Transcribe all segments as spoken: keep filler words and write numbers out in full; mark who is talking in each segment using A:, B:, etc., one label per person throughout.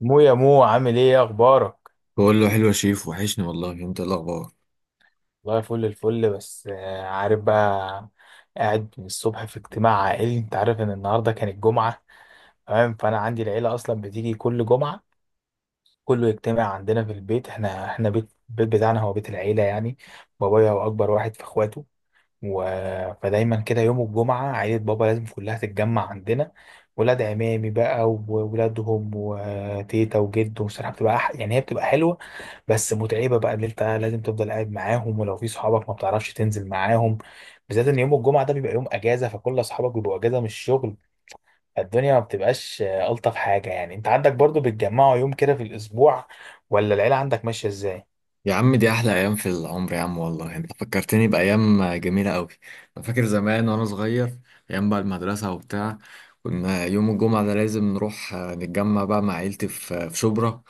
A: مو يا مو عامل ايه يا اخبارك؟
B: بقول له حلو يا شيف، وحشني والله. انت ايه الاخبار؟
A: والله فل الفل بس آه، عارف بقى. قاعد من الصبح في اجتماع عائلي، انت عارف ان النهارده كانت جمعه، تمام، فانا عندي العيله اصلا بتيجي كل جمعه. كله يجتمع عندنا في البيت. احنا احنا بيت البيت بتاعنا هو بيت العيله يعني. بابايا هو اكبر واحد في اخواته و... فدايما كده يوم الجمعة عيلة بابا لازم كلها تتجمع عندنا. ولاد عمامي بقى وولادهم وتيتا وجد، وصراحة بتبقى أح... يعني هي بتبقى حلوة، بس متعبة بقى اللي انت لازم تفضل قاعد معاهم، ولو في صحابك ما بتعرفش تنزل معاهم، بالذات ان يوم الجمعة ده بيبقى يوم اجازة، فكل اصحابك بيبقوا اجازة من الشغل، فالدنيا ما بتبقاش آه، الطف حاجة يعني. انت عندك برضو بتجمعوا يوم كده في الاسبوع ولا العيلة عندك ماشية ازاي؟
B: يا عم دي أحلى أيام في العمر يا عم، والله أنت فكرتني بأيام جميلة أوي. أنا فاكر زمان وأنا صغير، أيام بقى المدرسة وبتاع. كنا يوم الجمعة ده لازم نروح آه، نتجمع بقى مع عيلتي في آه، في شبرا.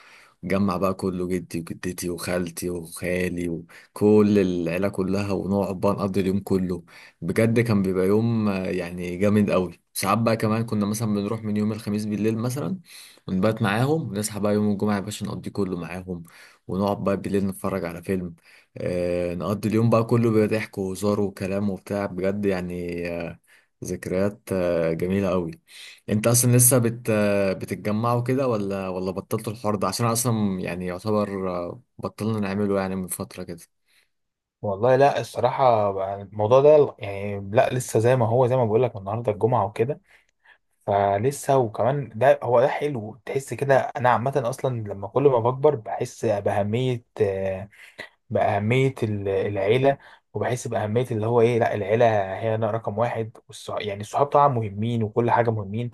B: نتجمع بقى كله، جدي وجدتي وخالتي وخالي وكل العيلة كلها، ونقعد بقى نقضي اليوم كله. بجد كان بيبقى يوم آه، يعني جامد أوي. ساعات بقى كمان كنا مثلا بنروح من يوم الخميس بالليل مثلا، ونبات معاهم، ونصحى بقى يوم الجمعة يا باشا نقضي كله معاهم، ونقعد بقى بالليل نتفرج على فيلم. آه، نقضي اليوم بقى كله بضحك وهزار وكلام وبتاع، بجد يعني آه، ذكريات آه جميلة قوي. انت اصلا لسه بت آه، بتتجمعوا كده ولا ولا بطلتوا الحوار ده؟ عشان أنا اصلا يعني يعتبر آه، بطلنا نعمله يعني من فترة كده.
A: والله لا، الصراحة بقى الموضوع ده يعني لا لسه زي ما هو، زي ما بقول لك النهارده الجمعة وكده، فلسه. وكمان ده هو ده حلو، تحس كده. أنا عامة أصلا لما كل ما بكبر بحس بأهمية باهميه ال- العيله، وبحس باهميه اللي هو ايه لا العيله، هي أنا رقم واحد. والصح... يعني الصحاب طبعا مهمين وكل حاجه مهمين،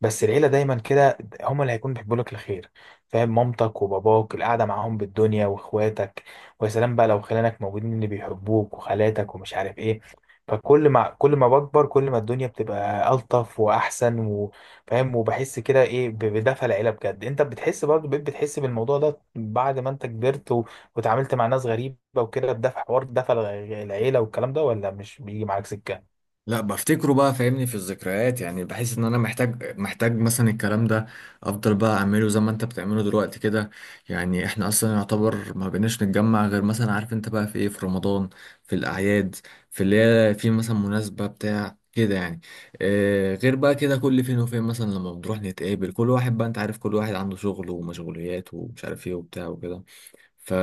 A: بس العيله دايما كده هم اللي هيكونوا بيحبوا لك الخير. فاهم؟ مامتك وباباك، القعده معاهم بالدنيا، واخواتك، ويا سلام بقى لو خلانك موجودين اللي بيحبوك، وخالاتك ومش عارف ايه. فكل ما كل ما بكبر، كل ما الدنيا بتبقى ألطف وأحسن و... فاهم، وبحس كده ايه ب- بدفى العيله بجد. انت بتحس برضه؟ بقيت بتحس بالموضوع ده بعد ما انت كبرت واتعاملت مع ناس غريبة وكده، بدفع حوار دفع الع- العيلة والكلام ده، ولا مش بيجي معاك سكة؟
B: لا، بفتكره بقى فاهمني في الذكريات. يعني بحس ان انا محتاج محتاج مثلا الكلام ده، افضل بقى اعمله زي ما انت بتعمله دلوقتي كده. يعني احنا اصلا يعتبر ما بقيناش نتجمع غير مثلا، عارف انت بقى في ايه، في رمضان، في الاعياد، في اللي هي في مثلا مناسبة بتاع كده يعني. آه، غير بقى كده كل فين وفين مثلا لما بنروح نتقابل. كل واحد بقى انت عارف، كل واحد عنده شغل ومشغوليات ومش عارف ايه وبتاع وكده. ف...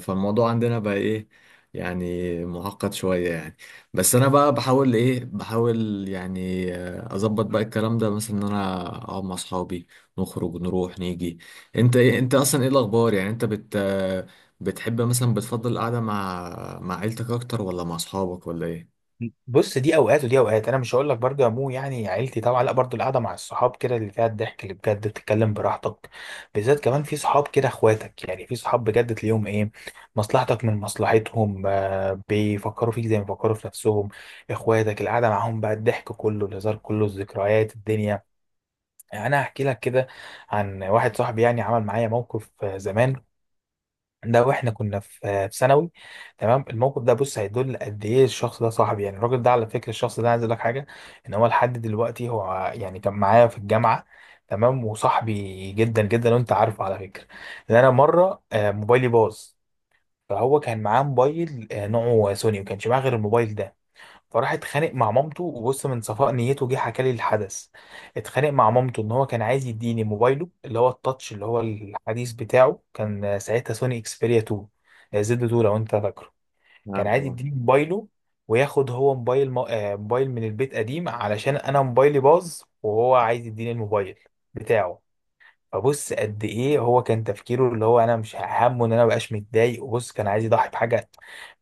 B: فالموضوع عندنا بقى ايه يعني، معقد شوية يعني. بس انا بقى بحاول ايه، بحاول يعني آه، اظبط بقى الكلام ده، مثلا ان انا اقعد مع اصحابي، نخرج نروح نيجي. انت ايه، انت اصلا ايه الاخبار يعني؟ انت بت آه، بتحب مثلا بتفضل القعدة مع مع عيلتك اكتر، ولا مع اصحابك، ولا ايه؟
A: بص، دي اوقات ودي اوقات، انا مش هقول لك برضه يا مو، يعني عيلتي طبعا، لا برضه القعده مع الصحاب كده اللي فيها الضحك، اللي بجد بتتكلم براحتك، بالذات كمان في صحاب كده اخواتك، يعني في صحاب بجد تلاقيهم ايه، مصلحتك من مصلحتهم، آه، بيفكروا فيك زي ما بيفكروا في نفسهم. اخواتك القعده معاهم بقى الضحك كله، الهزار كله، الذكريات الدنيا. يعني انا هحكي لك كده عن واحد صاحبي، يعني عمل معايا موقف آه، زمان، ده واحنا كنا في آه، في ثانوي. تمام. الموقف ده، بص، هيدل قد ايه الشخص ده صاحبي، يعني الراجل ده، على فكره الشخص ده، عايز اقول لك حاجه، ان هو لحد دلوقتي هو يعني كان معايا في الجامعه، تمام، وصاحبي جدا جدا. وانت عارفه على فكره ان انا مره آه، موبايلي باظ، فهو كان معاه موبايل آه، نوعه سوني، وما كانش معاه غير الموبايل ده. فراح اتخانق مع مامته، وبص من صفاء نيته جه حكى لي الحدث، اتخانق مع مامته ان هو كان عايز يديني موبايله، اللي هو التاتش اللي هو الحديث بتاعه، كان ساعتها سوني اكسبيريا اتنين، آه، زد اتنين، لو انت فاكره. كان
B: عارف.
A: عايز يديني موبايله، وياخد هو موبايل م... آه، موبايل من البيت قديم، علشان انا موبايلي باظ، وهو عايز يديني الموبايل بتاعه. فبص قد ايه هو كان تفكيره، اللي هو انا مش همه ان انا مبقاش متضايق، وبص كان عايز يضحي بحاجه.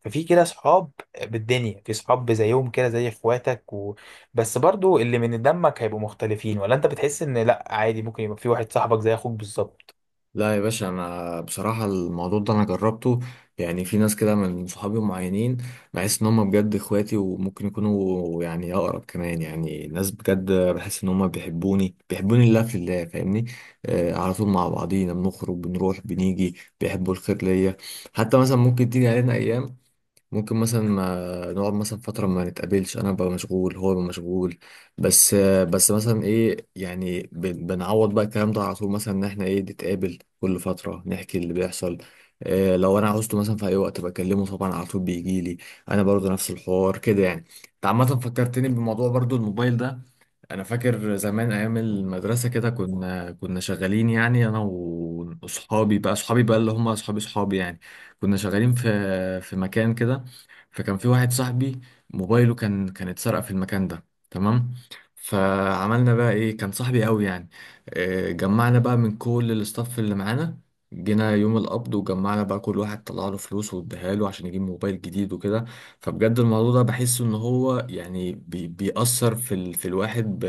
A: ففي كده صحاب بالدنيا، في صحاب زيهم كده زي اخواتك و... بس برضو اللي من دمك هيبقوا مختلفين، ولا انت بتحس ان لا عادي ممكن يبقى في واحد صاحبك زي اخوك بالظبط؟
B: لا يا باشا، انا بصراحه الموضوع ده انا جربته. يعني في ناس كده من صحابي معينين بحس ان هم بجد اخواتي، وممكن يكونوا يعني اقرب كمان. يعني ناس بجد بحس ان هم بيحبوني، بيحبوني لله في الله، فاهمني. آه، على طول مع بعضينا بنخرج بنروح بنيجي، بيحبوا الخير ليا. حتى مثلا ممكن تيجي علينا ايام، ممكن مثلا ما نقعد مثلا فترة ما نتقابلش، أنا ببقى مشغول هو بيبقى مشغول. بس بس مثلا إيه، يعني بن- بنعوض بقى الكلام ده على طول، مثلا إن إحنا إيه، نتقابل كل فترة نحكي اللي بيحصل. إيه، لو أنا عاوزته مثلا في أي وقت بكلمه، طبعا على طول بيجيلي. أنا برضو نفس الحوار كده يعني. أنت عامة فكرتني بموضوع برضو الموبايل ده. أنا فاكر زمان أيام المدرسة كده، كنا كنا شغالين يعني أنا وأصحابي بقى، أصحابي بقى اللي هم أصحابي أصحابي يعني. كنا شغالين في في مكان كده، فكان في واحد صاحبي موبايله كان كان اتسرق في المكان ده. تمام. فعملنا بقى ايه، كان صاحبي قوي يعني. آه، جمعنا بقى من كل الاستاف اللي معانا، جينا يوم القبض وجمعنا بقى، كل واحد طلع له فلوس واداها له عشان يجيب موبايل جديد وكده. فبجد الموضوع ده بحس ان هو يعني بي بيأثر في ال في الواحد ب،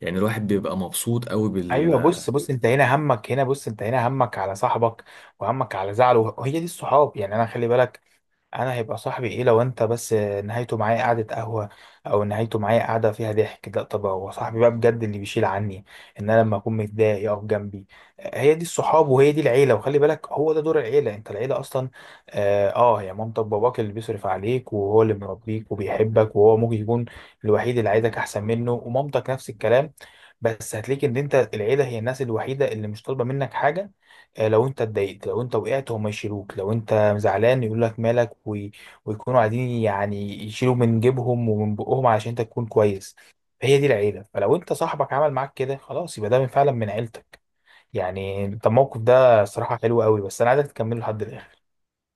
B: يعني الواحد بيبقى مبسوط قوي.
A: ايوه، بص بص، انت هنا همك هنا، بص انت هنا همك على صاحبك، وهمك على زعله، وهي دي الصحاب. يعني انا خلي بالك، انا هيبقى صاحبي ايه لو انت بس نهايته معايا قعدة قهوة او نهايته معايا قعدة فيها ضحك؟ لا، طب هو صاحبي بقى بجد اللي بيشيل عني، ان انا لما اكون متضايق يقف جنبي. هي دي الصحاب، وهي دي العيلة. وخلي بالك هو ده دور العيلة، انت العيلة اصلا، اه آه، هي مامتك باباك اللي بيصرف عليك، وهو اللي مربيك وبيحبك، وهو ممكن يكون الوحيد اللي عايزك احسن منه، ومامتك نفس الكلام. بس هتلاقي ان انت العيلة هي الناس الوحيدة اللي مش طالبة منك حاجة. آه، لو انت اتضايقت، لو انت وقعت هم يشيلوك، لو انت زعلان يقول لك مالك وي... ويكونوا قاعدين يعني يشيلوا من جيبهم ومن بقهم علشان انت تكون كويس. فهي دي العيله. فلو انت صاحبك عمل معاك كده، خلاص، يبقى ده من فعلا من عيلتك. يعني انت الموقف ده صراحه حلو قوي، بس انا عايزك تكمله لحد الاخر.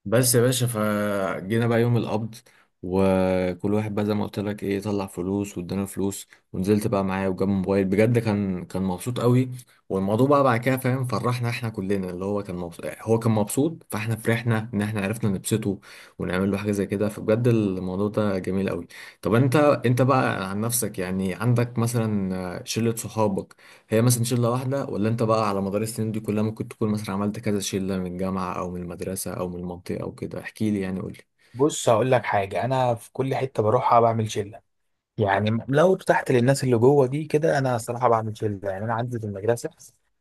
B: بس يا باشا، فجينا بقى يوم القبض، وكل واحد بقى زي ما قلت لك ايه طلع فلوس وادانا فلوس، ونزلت بقى معايا وجاب موبايل بجد، كان كان مبسوط قوي. والموضوع بقى بعد كده فاهم، فرحنا احنا كلنا اللي هو كان مبسوط، هو كان مبسوط فاحنا فرحنا ان احنا عرفنا نبسطه ونعمل له حاجه زي كده. فبجد الموضوع ده جميل قوي. طب انت انت بقى عن نفسك، يعني عندك مثلا شله صحابك، هي مثلا شلة واحدة، ولا انت بقى على مدار السنين دي كلها ممكن تكون مثلا عملت كذا شلة، من الجامعة او من المدرسة او من المنطقة او كده؟ احكي لي يعني، قول.
A: بص هقول لك حاجه، انا في كل حته بروحها بعمل شله، يعني لو ارتحت للناس اللي جوه دي كده انا صراحه بعمل شله. يعني انا عندي في المدرسه،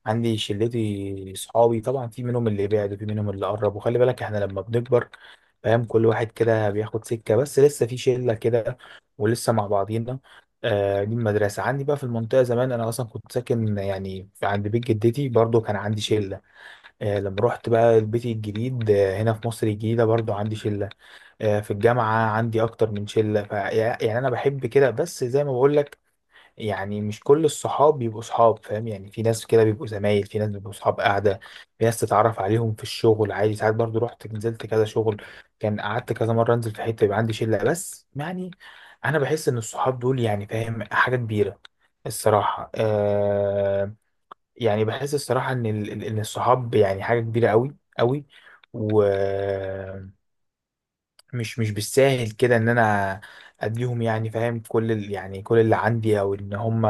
A: عندي شلتي صحابي طبعا، في منهم اللي بعد وفي منهم اللي قرب، وخلي بالك احنا لما بنكبر، فاهم، كل واحد كده بياخد سكه، بس لسه في شله كده ولسه مع بعضينا، آه، دي المدرسه. عندي بقى في المنطقه، زمان انا اصلا كنت ساكن يعني في- عند بيت جدتي، برضو كان عندي شله. آه، لما رحت بقى لبيتي الجديد، آه، هنا في مصر الجديده، برضو عندي شله. آه، في الجامعة عندي أكتر من شلة ف... يعني أنا بحب كده. بس زي ما بقولك، يعني مش كل الصحاب بيبقوا صحاب، فاهم؟ يعني في ناس كده بيبقوا زمايل، في ناس بيبقوا صحاب قاعدة، في ناس تتعرف عليهم في الشغل عادي. ساعات برضو رحت نزلت كذا شغل، كان قعدت كذا مرة أنزل في حتة، يبقى عندي شلة، بس يعني أنا بحس إن الصحاب دول يعني، فاهم، حاجة كبيرة الصراحة، آه، يعني بحس الصراحة إن ال... ال- إن الصحاب يعني حاجة كبيرة أوي أوي، و مش مش بالساهل كده ان انا اديهم يعني فاهم كل ال يعني كل اللي عندي، او ان هم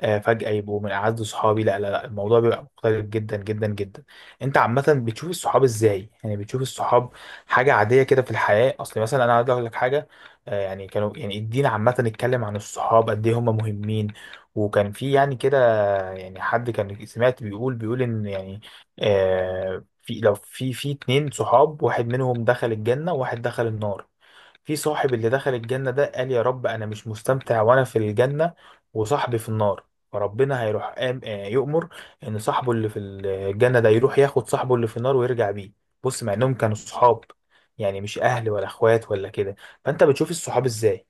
A: آه، فجأة يبقوا من اعز صحابي. لا لا لا، الموضوع بيبقى مختلف جدا جدا جدا. انت عامة بتشوف الصحاب ازاي؟ يعني بتشوف الصحاب حاجة عادية كده في الحياة؟ اصل مثلا انا عايز اقول لك حاجة، آه، يعني كانوا يعني الدين عامة اتكلم عن الصحاب قد ايه هم مهمين، وكان في يعني كده، يعني حد كان سمعت بيقول بيقول ان يعني، آه، في لو في في اتنين صحاب، واحد منهم دخل الجنة وواحد دخل النار، في صاحب اللي دخل الجنة ده قال يا رب أنا مش مستمتع وأنا في الجنة وصاحبي في النار، فربنا هيروح قام آه، يؤمر إن صاحبه اللي في الجنة ده يروح ياخد صاحبه اللي في النار ويرجع بيه. بص، مع إنهم كانوا صحاب، يعني مش أهل ولا إخوات ولا كده. فأنت بتشوف الصحاب إزاي؟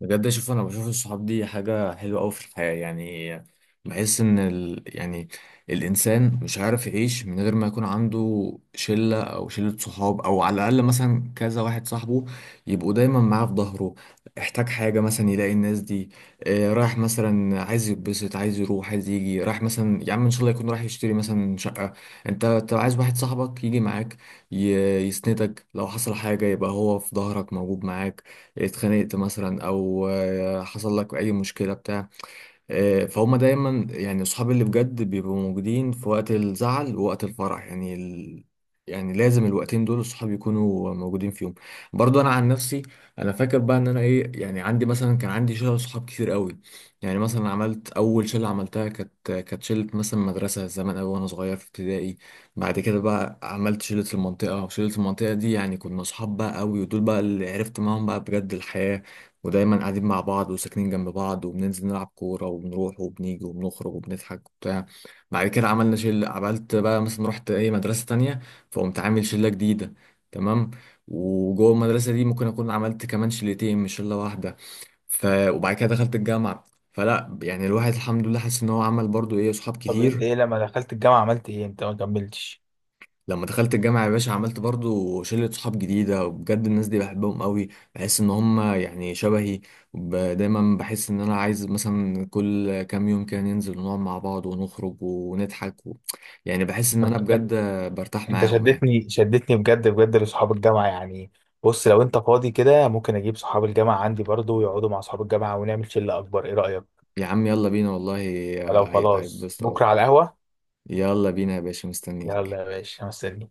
B: بجد اشوف، انا بشوف الصحاب دي حاجة حلوة قوي في الحياة يعني. بحس ان ال... يعني الانسان مش عارف يعيش من غير ما يكون عنده شلة، او شلة صحاب، او على الاقل مثلا كذا واحد صاحبه يبقوا دايما معاه في ظهره. احتاج حاجة مثلا يلاقي الناس دي. آه، رايح مثلا عايز يتبسط، عايز يروح عايز يجي، رايح مثلا يا عم ان شاء الله يكون رايح يشتري مثلا شقة، انت انت عايز واحد صاحبك يجي معاك، ي... يسندك. لو حصل حاجة يبقى هو في ظهرك موجود معاك. اتخانقت مثلا، او آه، حصل لك اي مشكله بتاع. آه، فهم دايما يعني اصحابي اللي بجد بيبقوا موجودين في وقت الزعل ووقت الفرح. يعني ال... يعني لازم الوقتين دول الصحاب يكونوا موجودين فيهم. برضو انا عن نفسي، انا فاكر بقى ان انا ايه، يعني عندي مثلا، كان عندي شله صحاب كتير قوي. يعني مثلا عملت اول شله عملتها، كانت كانت شله مثلا مدرسه زمان قوي وانا صغير في ابتدائي. بعد كده بقى عملت شله المنطقه، وشله المنطقه دي يعني كنا صحاب بقى قوي، ودول بقى اللي عرفت معاهم بقى بجد الحياه. ودايما قاعدين مع بعض وساكنين جنب بعض، وبننزل نلعب كورة، وبنروح وبنيجي وبنخرج وبنضحك وبتاع. بعد كده عملنا شلة، عملت بقى مثلا رحت ايه مدرسة تانية، فقمت عامل شلة جديدة. تمام. وجوه المدرسة دي ممكن أكون عملت كمان شلتين، مش شلة واحدة. ف... وبعد كده دخلت الجامعة. فلا يعني الواحد الحمد لله حاسس إن هو عمل برضو إيه، صحاب
A: طب أنت
B: كتير.
A: إيه لما دخلت الجامعة عملت إيه؟ أنت ما كملتش.
B: لما دخلت الجامعة يا باشا عملت برضو شلة صحاب جديدة، وبجد الناس دي بحبهم قوي. بحس ان هم يعني شبهي، وب- دايما بحس ان انا عايز مثلا كل كام يوم كده ننزل ونقعد مع بعض ونخرج ونضحك و... يعني بحس ان انا
A: طب
B: بجد برتاح
A: انت
B: معاهم يعني.
A: شدتني شدتني بجد بجد لصحاب الجامعه يعني. بص، لو انت فاضي كده ممكن اجيب صحاب الجامعه عندي برضو ويقعدوا مع صحاب الجامعه ونعمل شله اكبر، ايه رايك؟
B: يا عم يلا بينا والله،
A: لو
B: هي-
A: خلاص
B: هيتبسطوا قوي.
A: بكره على القهوه.
B: يلا بينا يا باشا،
A: يلا
B: مستنيك.
A: يا باشا مستني.